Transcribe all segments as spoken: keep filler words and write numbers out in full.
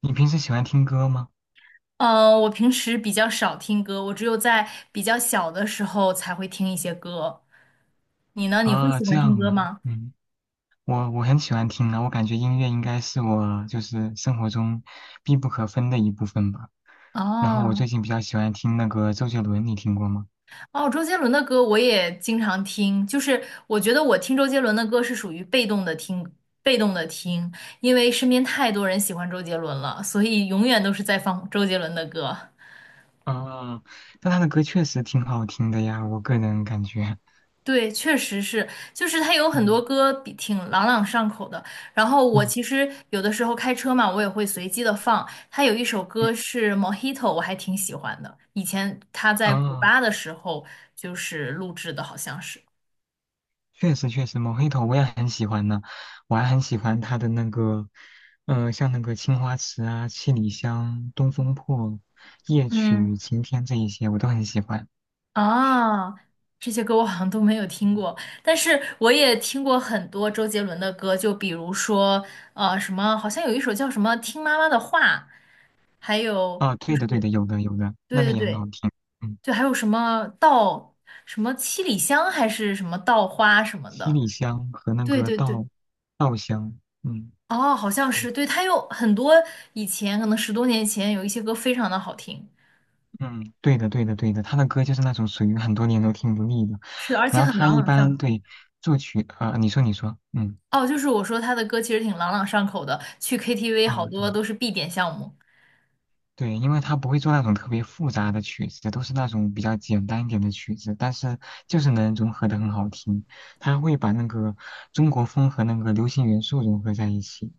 你平时喜欢听歌吗？呃，我平时比较少听歌，我只有在比较小的时候才会听一些歌。你呢？你会啊，喜这欢听样歌啊，吗？嗯，我我很喜欢听啊，我感觉音乐应该是我就是生活中必不可分的一部分吧。然后我哦最近比较喜欢听那个周杰伦，你听过吗？哦，周杰伦的歌我也经常听，就是我觉得我听周杰伦的歌是属于被动的听，被动的听，因为身边太多人喜欢周杰伦了，所以永远都是在放周杰伦的歌。啊，但他的歌确实挺好听的呀，我个人感觉。 对，确实是，就是他有 很多嗯歌比挺朗朗上口的。然后我嗯其实有的时候开车嘛，我也会随机的放。他有一首嗯，歌是《Mojito》,我还挺喜欢的。以前他在古啊，巴的时候就是录制的，好像是。确实确实，《某黑头》我也很喜欢呢，我还很喜欢他的那个，呃，像那个《青花瓷》啊，《七里香》《东风破》《夜曲》嗯，《晴天》这一些，我都很喜欢。啊，这些歌我好像都没有听过，但是我也听过很多周杰伦的歌，就比如说呃什么，好像有一首叫什么《听妈妈的话》，还有啊，对的对的，有的有的，那对个对也很好对。听。嗯，就还有什么稻，什么七里香还是什么稻花什么七的。里香和那对个对对，稻稻香，嗯。哦，好像对是，对，它有很多以前可能十多年前有一些歌非常的好听，嗯，对的，对的，对的，他的歌就是那种属于很多年都听不腻的。是的，而且然后很他朗一朗上般口。对作曲，呃，你说，你说，嗯，哦，就是我说他的歌其实挺朗朗上口的，去 K T V 好啊，多对。都是必点项目。对，因为他不会做那种特别复杂的曲子，都是那种比较简单一点的曲子，但是就是能融合的很好听。他会把那个中国风和那个流行元素融合在一起，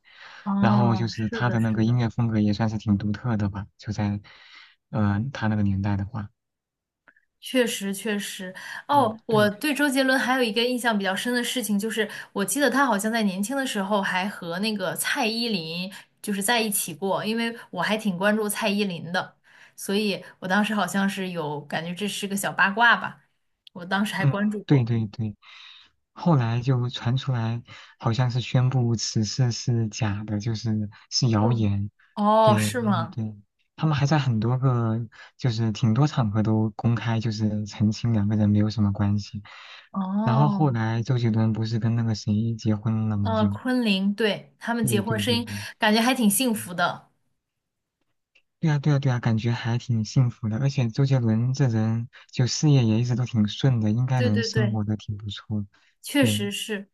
然后哦，就是是他的，的那是个音的。乐风格也算是挺独特的吧，就在，呃，他那个年代的话，确实，确实。哦，嗯，我对，对周杰伦还有一个印象比较深的事情，就是我记得他好像在年轻的时候还和那个蔡依林就是在一起过，因为我还挺关注蔡依林的，所以我当时好像是有感觉这是个小八卦吧，我当时还嗯，关注对过。对对，后来就传出来，好像是宣布此事是假的，就是是谣嗯，言。哦，对，是然后吗？对，他们还在很多个，就是挺多场合都公开，就是澄清两个人没有什么关系。然后后哦，来周杰伦不是跟那个谁结婚了嘛？呃，就昆凌，对，他们结对婚对声对音对，感觉还挺幸嗯福的。对啊对啊对啊，感觉还挺幸福的。而且周杰伦这人就事业也一直都挺顺的，应该对能对生对。活的挺不错。确对，实是。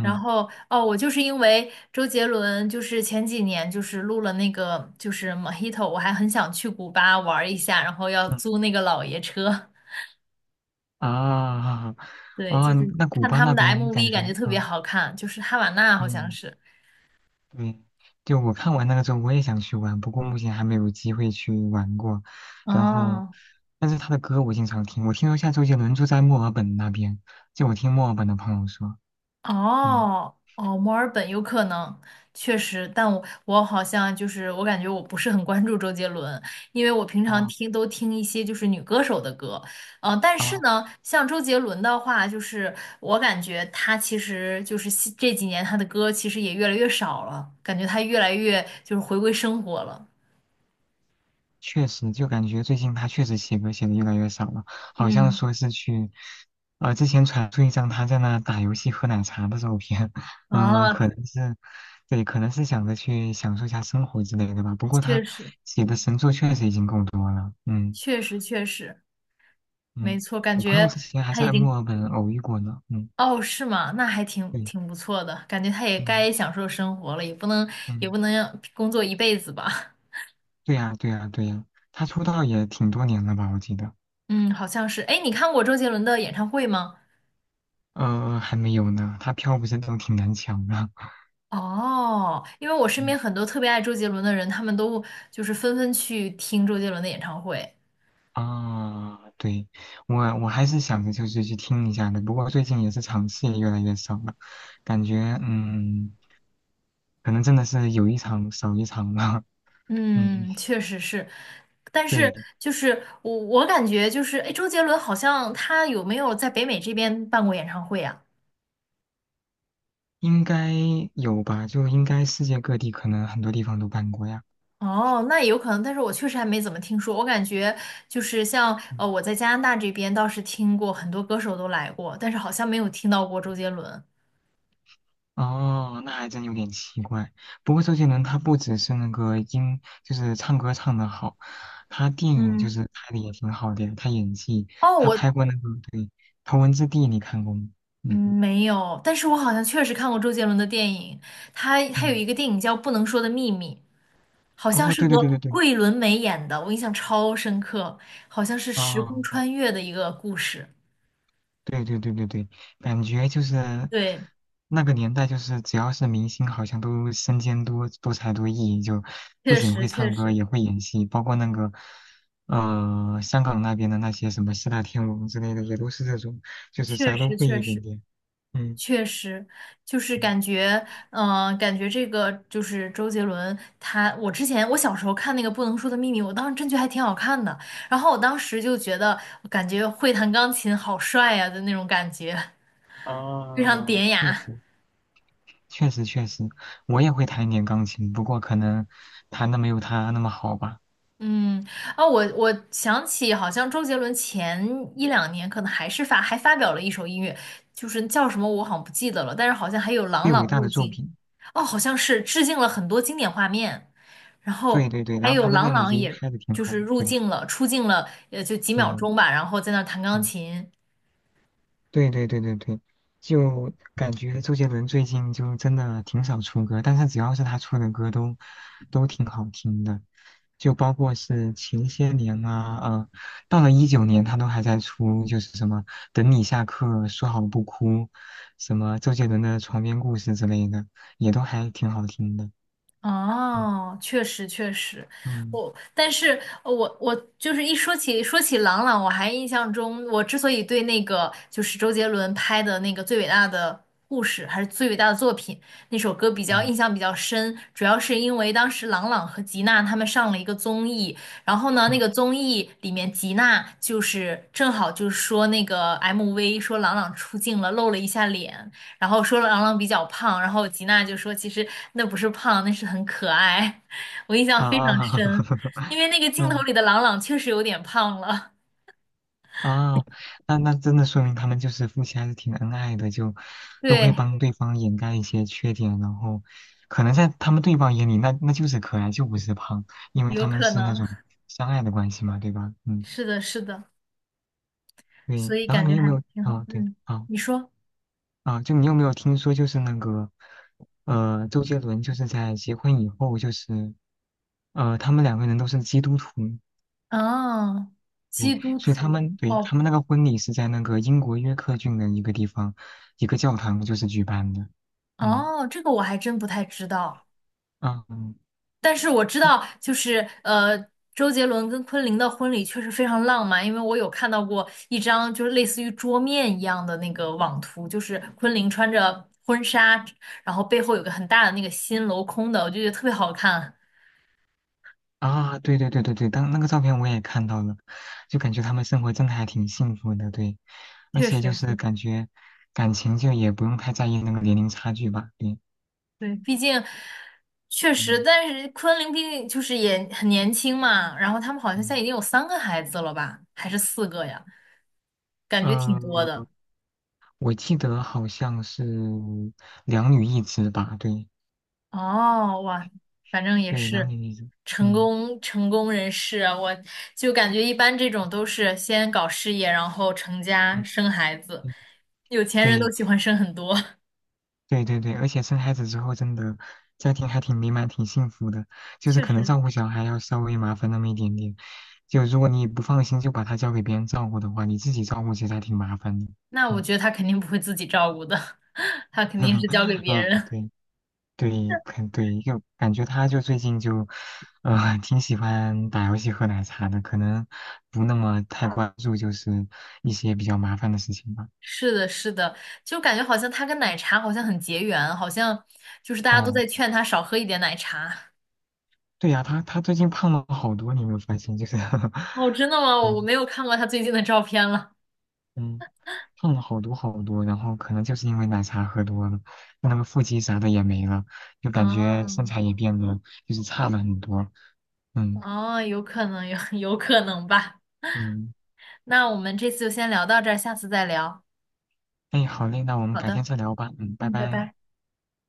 然后哦，我就是因为周杰伦，就是前几年就是录了那个就是 Mojito，我还很想去古巴玩一下，然后要嗯。租那个老爷车。啊 对，啊，就是那古看巴他们那的 边感 M V，感觉觉特别啊，好看，就是哈瓦那好像嗯是。嗯，对，就我看完那个之后，我也想去玩，不过目前还没有机会去玩过。然后，哦，但是他的歌我经常听，我听说下周杰伦住在墨尔本那边，就我听墨尔本的朋友说，嗯，哦哦，墨尔本有可能，确实，但我我好像就是我感觉我不是很关注周杰伦，因为我平常啊听都听一些就是女歌手的歌，呃，但是哦呢，像周杰伦的话，就是我感觉他其实就是西这几年他的歌其实也越来越少了，感觉他越来越就是回归生活了。确实，就感觉最近他确实写歌写的越来越少了，好像嗯，说是去，呃，之前传出一张他在那打游戏喝奶茶的照片，嗯，啊，可能是，对，可能是想着去享受一下生活之类的吧。不过确他实，写的神作确实已经够多了，嗯确实，确实，没嗯，错，感我朋友觉之前还他已在经墨尔本偶遇过呢，嗯，哦，是吗？那还挺对，挺不错的，感觉他也嗯该享受生活了，也不能也嗯，不能让工作一辈子吧。对呀对呀对呀，他出道也挺多年了吧，我记得，嗯，好像是。哎，你看过周杰伦的演唱会吗？呃，还没有呢，他票不是都挺难抢的，哦，因为我 身嗯。边很多特别爱周杰伦的人，他们都就是纷纷去听周杰伦的演唱会。啊，对，我我还是想着就是去听一下的，不过最近也是场次也越来越少了，感觉嗯，可能真的是有一场少一场了，嗯，嗯，确实是，但是对，就是我我感觉就是，哎，周杰伦好像他有没有在北美这边办过演唱会啊？应该有吧，就应该世界各地可能很多地方都办过呀。哦，那有可能，但是我确实还没怎么听说。我感觉就是像呃，嗯我在加拿大这边倒是听过很多歌手都来过，但是好像没有听到过周杰伦。哦，那还真有点奇怪。不过周杰伦他不只是那个音，就是唱歌唱得好，他电影就嗯，是拍的也挺好的呀，他演技，哦，他我拍过那个对《头文字 D》，你看过吗？嗯嗯。没有，但是我好像确实看过周杰伦的电影，他他有嗯，一个电影叫《不能说的秘密》，好像哦，是对对对对和对，桂纶镁演的，我印象超深刻，好像是时啊、空穿越的一个故事。对对对对对，感觉就是对，那个年代，就是只要是明星，好像都身兼多多才多艺，就不确仅实会确唱歌，实也会演戏，包括那个呃香港那边的那些什么四大天王之类的，也都是这种，就是确啥都实会确一点实。点。嗯确实，就是嗯，感觉，嗯、感觉这个就是周杰伦他，我之前我小时候看那个《不能说的秘密》，我当时真觉得还挺好看的，然后我当时就觉得，我感觉会弹钢琴好帅呀、的那种感觉，非常啊，典确雅。实确实确实，我也会弹一点钢琴，不过可能弹的没有他那么好吧。嗯，啊，我我想起好像周杰伦前一两年可能还是发还发表了一首音乐，就是叫什么我好像不记得了，但是好像还有朗最朗伟大入的作镜。品。哦，好像是致敬了很多经典画面，然对后对对，还然后有他的 郎朗，M V 也拍的挺就好是的，入对镜了，出镜了，也就几秒对钟吧，然后在那儿弹钢嗯，琴，对对对对对，就感觉周杰伦最近就真的挺少出歌，但是只要是他出的歌都都挺好听的，就包括是前些年啊，呃，到了一九年他都还在出，就是什么等你下课说好不哭，什么周杰伦的床边故事之类的，也都还挺好听的，嗯哦，确实确实，嗯我但是呃我我就是一说起说起郎朗，我还印象中，我之所以对那个就是周杰伦拍的那个最伟大的故事还是最伟大的作品那首歌比较嗯印象比较深，主要是因为当时郎朗和吉娜他们上了一个综艺，然后呢那嗯个综艺里面吉娜就是正好就是说那个 M V 说郎朗出镜了，露了一下脸，然后说郎朗比较胖，然后吉娜就说其实那不是胖，那是很可爱。我印象非常啊，深，因为那 个镜头嗯里的郎朗确实有点胖了，啊，那那真的说明他们就是夫妻还是挺恩爱的，就都会对，帮对方掩盖一些缺点，然后可能在他们对方眼里，那那就是可爱，就不是胖，因为有他们可是那能，种相爱的关系嘛，对吧？嗯，是的，是的，对。所以然后感觉你有没还有？挺好。啊，对，嗯，啊你说，啊，就你有没有听说就是那个，呃，周杰伦就是在结婚以后就是，呃，他们两个人都是基督徒，哦，对，基督所以他徒，们对哦他们那个婚礼是在那个英国约克郡的一个地方，一个教堂就是举办的。嗯哦，这个我还真不太知道。啊嗯但是我知道，就是呃，周杰伦跟昆凌的婚礼确实非常浪漫，因为我有看到过一张就是类似于桌面一样的那个网图，就是昆凌穿着婚纱，然后背后有个很大的那个心镂空的，我就觉得特别好看。啊，对对对对对，当那个照片我也看到了，就感觉他们生活真的还挺幸福的，对，而确且就实是是，感觉感情就也不用太在意那个年龄差距吧，对，对，毕竟确实，嗯但是昆凌毕竟就是也很年轻嘛，然后他们好像现在嗯已经有三个孩子了吧，还是四个呀，感觉挺呃，多的。我记得好像是两女一子吧，对哦，哇，反正也对，两是女一子，成嗯功成功人士啊，我就感觉一般这种都是先搞事业，然后成家嗯生孩子，嗯，有钱人都对。喜欢生很多，对对对，而且生孩子之后，真的家庭还挺美满、挺幸福的。就是确可能实。照顾小孩要稍微麻烦那么一点点，就如果你不放心，就把他交给别人照顾的话，你自己照顾其实还挺麻烦的。那我嗯，觉得他肯定不会自己照顾的，他肯定是交给 别嗯，人。对对，肯对，就感觉他就最近就，呃，挺喜欢打游戏、喝奶茶的，可能不那么太关注就是一些比较麻烦的事情吧。是的，是的，就感觉好像他跟奶茶好像很结缘，好像就是大家都嗯，在劝他少喝一点奶茶。对呀，他他最近胖了好多，你有没有发现？就是 哦，真的吗？我我嗯没有看过他最近的照片了。嗯。胖了好多好多，然后可能就是因为奶茶喝多了，那那个腹肌啥的也没了，就 感觉身材啊。也变得就是差了很多。嗯哦，有可能，有 有可能吧。嗯，那我们这次就先聊到这儿，下次再聊。哎，好嘞，那我们好改天的，再聊吧。嗯，拜嗯，拜拜。拜。